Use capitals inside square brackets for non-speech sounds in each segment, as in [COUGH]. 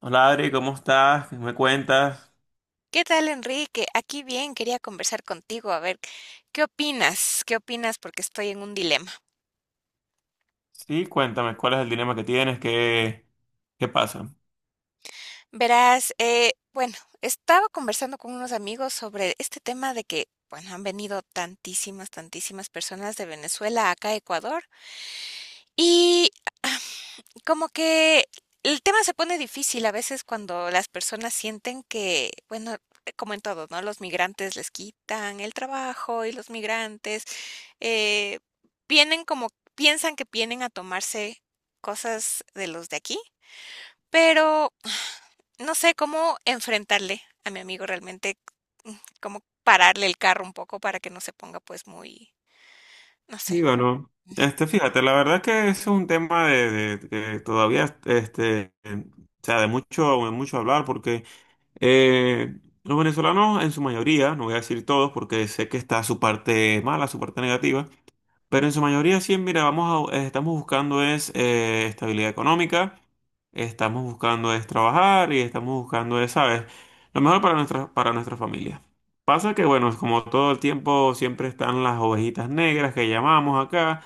Hola Adri, ¿cómo estás? ¿Qué ¿Me cuentas? ¿Qué tal, Enrique? Aquí bien, quería conversar contigo, a ver, ¿qué opinas? ¿Qué opinas? Porque estoy en un dilema. Sí, cuéntame, ¿cuál es el dilema que tienes? ¿Qué pasa? Verás, bueno, estaba conversando con unos amigos sobre este tema de que, bueno, han venido tantísimas personas de Venezuela acá a Ecuador y ah, como que el tema se pone difícil a veces cuando las personas sienten que, bueno, como en todo, ¿no? Los migrantes les quitan el trabajo y los migrantes eh, vienen como, piensan que vienen a tomarse cosas de los de aquí, pero no sé cómo enfrentarle a mi amigo realmente, mm, cómo pararle el carro un poco para que no se ponga pues muy, no sé. Sí, bueno, fíjate, la verdad que es un tema que todavía, o sea, de mucho hablar, porque eh, los venezolanos en su mayoría, no voy a decir todos, porque sé que está su parte mala, su parte negativa. Pero en su mayoría sí, mira, estamos buscando es estabilidad económica, estamos buscando es trabajar y estamos buscando es, ¿sabes? Lo mejor para nuestra familia. Pasa que, bueno, como todo el tiempo siempre están las ovejitas negras que llamamos acá,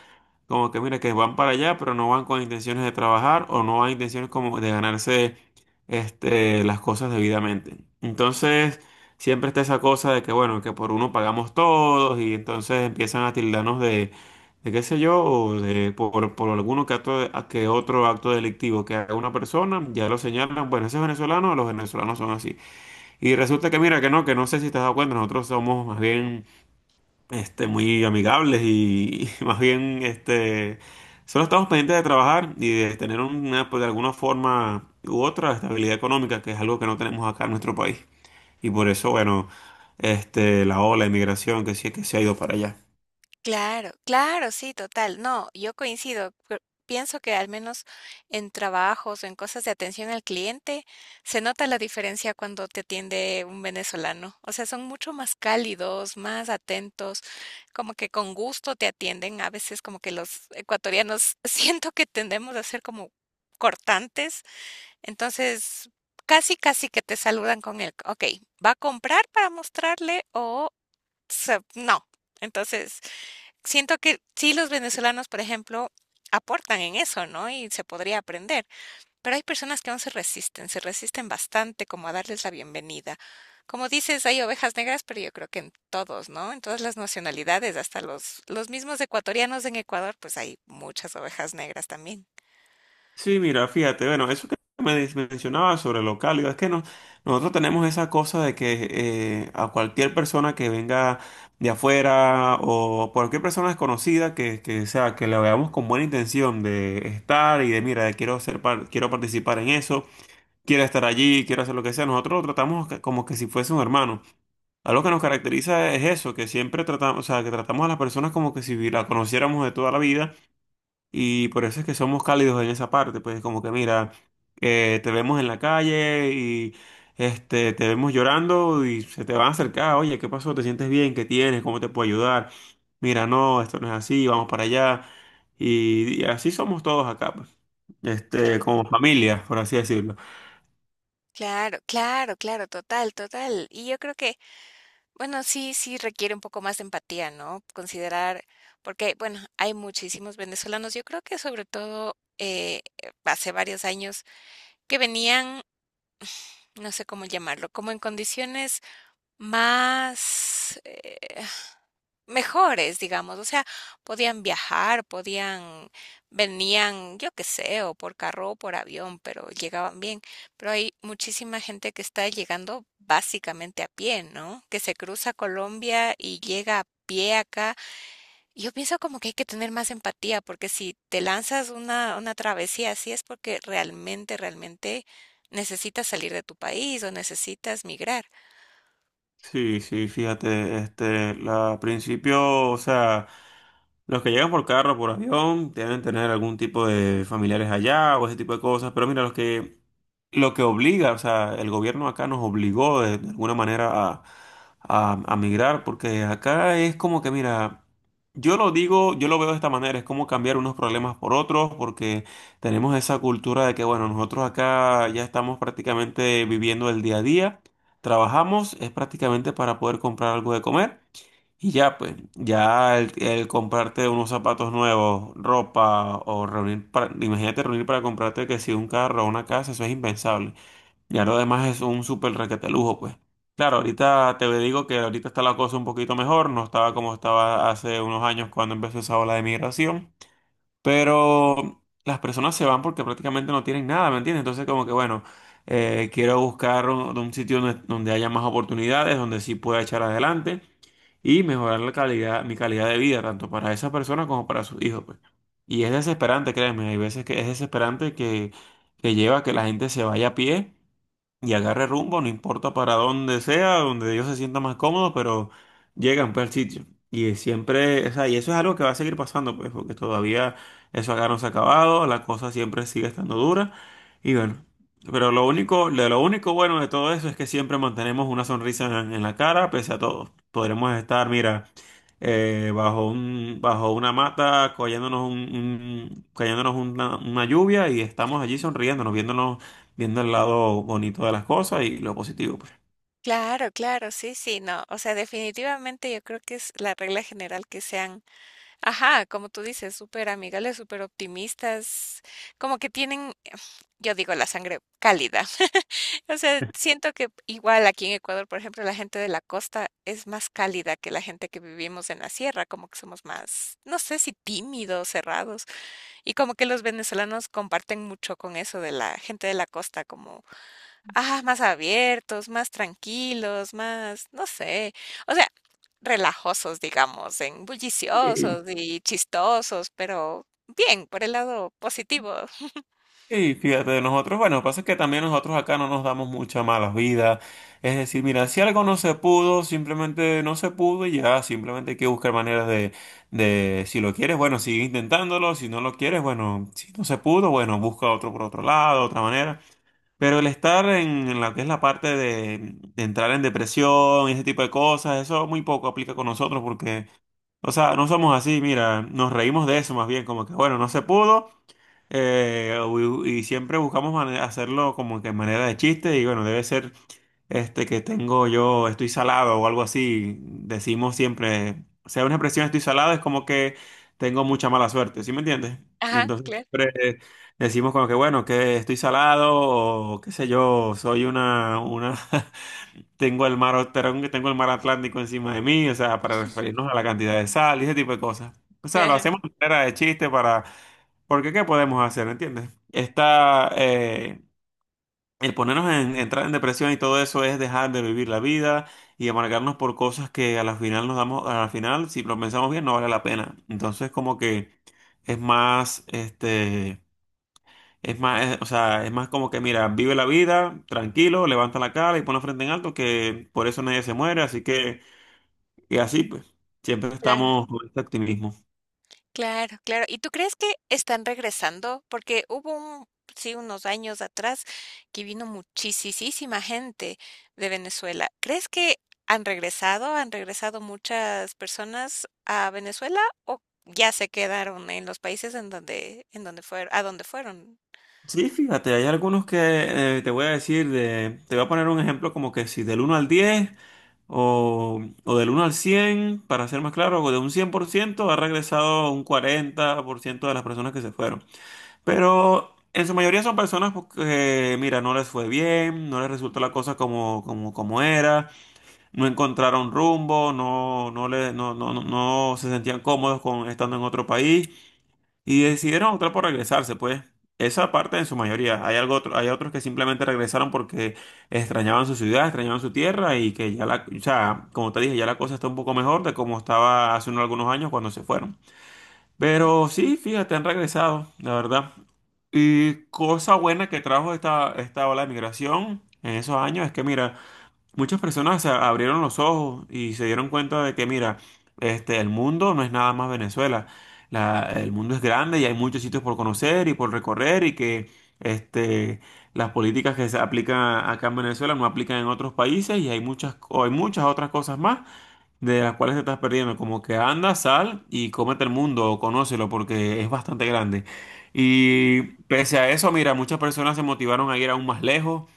como que mira, que van para allá, pero no van con intenciones de trabajar o no van intenciones como de ganarse las cosas debidamente. Entonces. Siempre está esa cosa de que, bueno, que por uno pagamos todos y entonces empiezan a tildarnos de qué sé yo, o de, por alguno que, que otro acto delictivo que haga una persona, ya lo señalan, bueno, ese es venezolano, los venezolanos son así. Y resulta que mira que no sé si te has dado cuenta, nosotros somos más bien muy amigables y, [LAUGHS] y más bien solo estamos pendientes de trabajar y de tener una, pues, de alguna forma u otra estabilidad económica, que es algo que no tenemos acá en nuestro país. Y por eso, bueno, la ola de migración que sí que se ha ido para allá. Claro, claro, sí, total. No, yo coincido. Pienso que al menos en trabajos o en cosas de atención al cliente se nota la diferencia cuando te atiende un venezolano. O sea, son mucho más cálidos, más atentos, como que con gusto te atienden. A veces como que los ecuatorianos [LAUGHS] siento que tendemos a ser como cortantes. Entonces, casi, casi que te saludan con el, ok, ¿va a comprar para mostrarle o no? Entonces, siento que sí los venezolanos, por ejemplo, aportan en eso, ¿no? Y se podría aprender, pero hay personas que aún se resisten bastante como a darles la bienvenida. Como dices, hay ovejas negras, pero yo creo que en todos, ¿no? En todas las nacionalidades, hasta los mismos ecuatorianos en Ecuador, pues hay muchas ovejas negras también. Sí, mira, fíjate, bueno, eso que mencionabas sobre lo cálido, es que no, nosotros tenemos esa cosa de que a cualquier persona que venga de afuera o cualquier persona desconocida que sea, que la veamos con buena intención de estar y de, mira, de quiero ser, quiero participar en eso, quiero estar allí, quiero hacer lo que sea, nosotros lo tratamos como que si fuese un hermano. Algo que nos caracteriza es eso, que siempre tratamos, o sea, que tratamos a las personas como que si la conociéramos de toda la vida y por eso es que somos cálidos en esa parte, pues como que mira, te vemos en la calle y te vemos llorando y se te van a acercar, oye, ¿qué pasó? ¿Te sientes bien? ¿Qué tienes? ¿Cómo te puedo ayudar? Mira, no, esto no es así, vamos para allá. Y así somos todos acá, pues, Claro, como familia, por así decirlo. claro, claro, claro, total, total. Y yo creo que bueno, sí, sí requiere un poco más de empatía, ¿no? Considerar, porque, bueno, hay muchísimos venezolanos. Yo creo que sobre todo hace varios años que venían, no sé cómo llamarlo, como en condiciones más, mejores, digamos, o sea, podían viajar, podían, venían, yo qué sé, o por carro o por avión, pero llegaban bien. Pero hay muchísima gente que está llegando básicamente a pie, ¿no? Que se cruza Colombia y llega a pie acá. Y yo pienso como que hay que tener más empatía, porque si te lanzas una travesía así es porque realmente necesitas salir de tu país o necesitas migrar. Sí, sí, fíjate, al principio, o sea, los que llegan por carro, por avión, deben tener algún tipo de familiares allá o ese tipo de cosas, pero mira, los que lo que obliga, o sea, el gobierno acá nos obligó de alguna manera a migrar, porque acá es como que, mira, yo lo digo, yo lo veo de esta manera, es como cambiar unos problemas por otros, porque tenemos esa cultura de que, bueno, nosotros acá ya estamos prácticamente viviendo el día a día, trabajamos, es prácticamente para poder comprar algo de comer. Y ya, pues, ya el comprarte unos zapatos nuevos, ropa, o reunir, imagínate reunir para comprarte que si un carro o una casa, eso es impensable. Y ahora demás es un súper requete lujo, pues. Claro, ahorita te digo que ahorita está la cosa un poquito mejor, no estaba como estaba hace unos años cuando empezó esa ola de migración, pero las personas se van porque prácticamente no tienen nada, ¿me entiendes? Entonces como que bueno, quiero buscar un sitio donde haya más oportunidades, donde sí pueda echar adelante y mejorar la calidad, mi calidad de vida, tanto para esa persona como para sus hijos, pues. Y es desesperante, créeme, hay veces que es desesperante que lleva a que la gente se vaya a pie y agarre rumbo, no importa para dónde sea, donde ellos se sientan más cómodos, pero llegan pues al sitio. Y siempre, o sea, y eso es algo que va a seguir pasando, pues, porque todavía eso acá no se ha acabado, la cosa siempre sigue estando dura. Y bueno, pero lo único, de lo único bueno de todo eso es que siempre mantenemos una sonrisa en la cara, pese a todo. Podremos estar, mira, bajo una mata, cayéndonos una lluvia y estamos allí sonriéndonos, viéndonos viendo el lado bonito de las cosas y lo positivo, pues. Claro, claro, sí, sí, no, o sea, definitivamente yo creo que es la regla general que sean, ajá, como tú dices, súper amigables, súper optimistas, como que tienen, yo digo, la sangre cálida. [LAUGHS] O sea, siento que igual aquí en Ecuador, por ejemplo, la gente de la costa es más cálida que la gente que vivimos en la sierra, como que somos más, no sé si tímidos, cerrados, y como que los venezolanos comparten mucho con eso de la gente de la costa, como ajá, más abiertos, más tranquilos, más, no sé, o sea, relajosos, digamos, en Sí. bulliciosos y chistosos, pero bien, por el lado positivo. [LAUGHS] Y fíjate, de nosotros, bueno, lo que pasa es que también nosotros acá no nos damos mucha mala vida. Es decir, mira, si algo no se pudo, simplemente no se pudo y ya, simplemente hay que buscar maneras de, si lo quieres, bueno, sigue intentándolo, si no lo quieres, bueno, si no se pudo, bueno, busca otro por otro lado, otra manera. Pero el estar en la que es la parte de entrar en depresión y ese tipo de cosas, eso muy poco aplica con nosotros porque. O sea, no somos así, mira, nos reímos de eso más bien, como que bueno, no se pudo siempre buscamos hacerlo como que en manera de chiste y bueno, debe ser este que tengo yo, estoy salado o algo así, decimos siempre, o sea, una expresión estoy salado es como que tengo mucha mala suerte, ¿sí me entiendes? Y Ajá, entonces claro, siempre decimos como que bueno, que estoy salado o qué sé yo, soy una, [LAUGHS] Tengo el mar Atlántico encima de mí, o sea, para referirnos a la cantidad de sal y ese tipo de cosas. O sea, lo claro, hacemos de manera de chiste para, porque ¿qué podemos hacer? ¿Entiendes? Está, el ponernos entrar en depresión y todo eso es dejar de vivir la vida y amargarnos por cosas que a la final nos damos, a la final, si lo pensamos bien, no vale la pena. Entonces, como que es más, este es más, es- o sea, es más como que, mira, vive la vida, tranquilo, levanta la cara y pon la frente en alto, que por eso nadie se muere, así que, y así pues, siempre claro. estamos con este optimismo. Claro, claro. ¿Y tú crees que están regresando? Porque hubo un, sí, unos años atrás que vino muchisisísima gente de Venezuela. ¿Crees que han regresado? ¿Han regresado muchas personas a Venezuela o ya se quedaron en los países en donde, a donde fueron? Sí, fíjate, hay algunos que te voy a decir, de, te voy a poner un ejemplo como que si del 1 al 10 o del 1 al 100 para ser más claro, o de un 100% ha regresado un 40% de las personas que se fueron. Pero en su mayoría son personas pues, que, mira, no les fue bien, no les resultó la cosa como era, no encontraron rumbo, no, no, le, no, no, no, no se sentían cómodos con estando en otro país y decidieron optar por regresarse, pues. Esa parte en su mayoría. Hay otros que simplemente regresaron porque extrañaban su ciudad, extrañaban su tierra y que ya la, o sea, como te dije, ya la cosa está un poco mejor de como estaba hace unos algunos años cuando se fueron. Pero sí, fíjate, han regresado, la verdad. Y cosa buena que trajo esta ola de migración en esos años es que, mira, muchas personas se abrieron los ojos y se dieron cuenta de que, mira, el mundo no es nada más Venezuela. El mundo es grande y hay muchos sitios por conocer y por recorrer y que este, las políticas que se aplican acá en Venezuela no aplican en otros países y hay muchas, o hay muchas otras cosas más de las cuales te estás perdiendo. Como que anda, sal y cómete el mundo o conócelo porque es bastante grande. Y pese a eso, mira, muchas personas se motivaron a ir aún más lejos.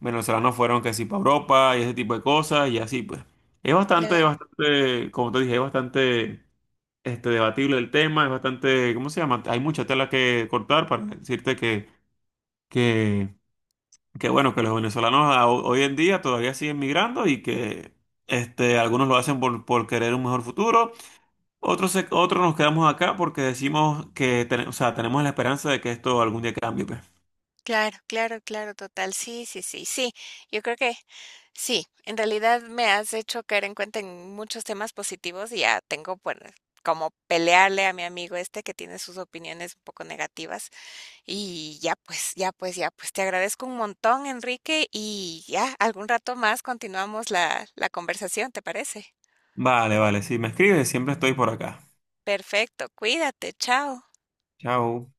Venezolanos fueron que sí para Europa y ese tipo de cosas y así pues. Es bastante, bastante, como te dije, es bastante debatible el tema, es bastante, ¿cómo se llama? Hay mucha tela que cortar para decirte que, que, que bueno, que los venezolanos hoy en día todavía siguen migrando y que algunos lo hacen por, querer un mejor futuro, otro nos quedamos acá porque decimos que o sea, tenemos la esperanza de que esto algún día cambie, pues. Claro, claro, claro, total. Sí, sí, sí, sí. Yo creo que sí, en realidad me has hecho caer en cuenta en muchos temas positivos y ya tengo pues como pelearle a mi amigo este que tiene sus opiniones un poco negativas y ya pues, ya pues, ya pues te agradezco un montón, Enrique, y ya algún rato más continuamos la conversación, ¿te parece? Vale, vale, si me escribes, siempre estoy por acá. Perfecto, cuídate, chao. Chao.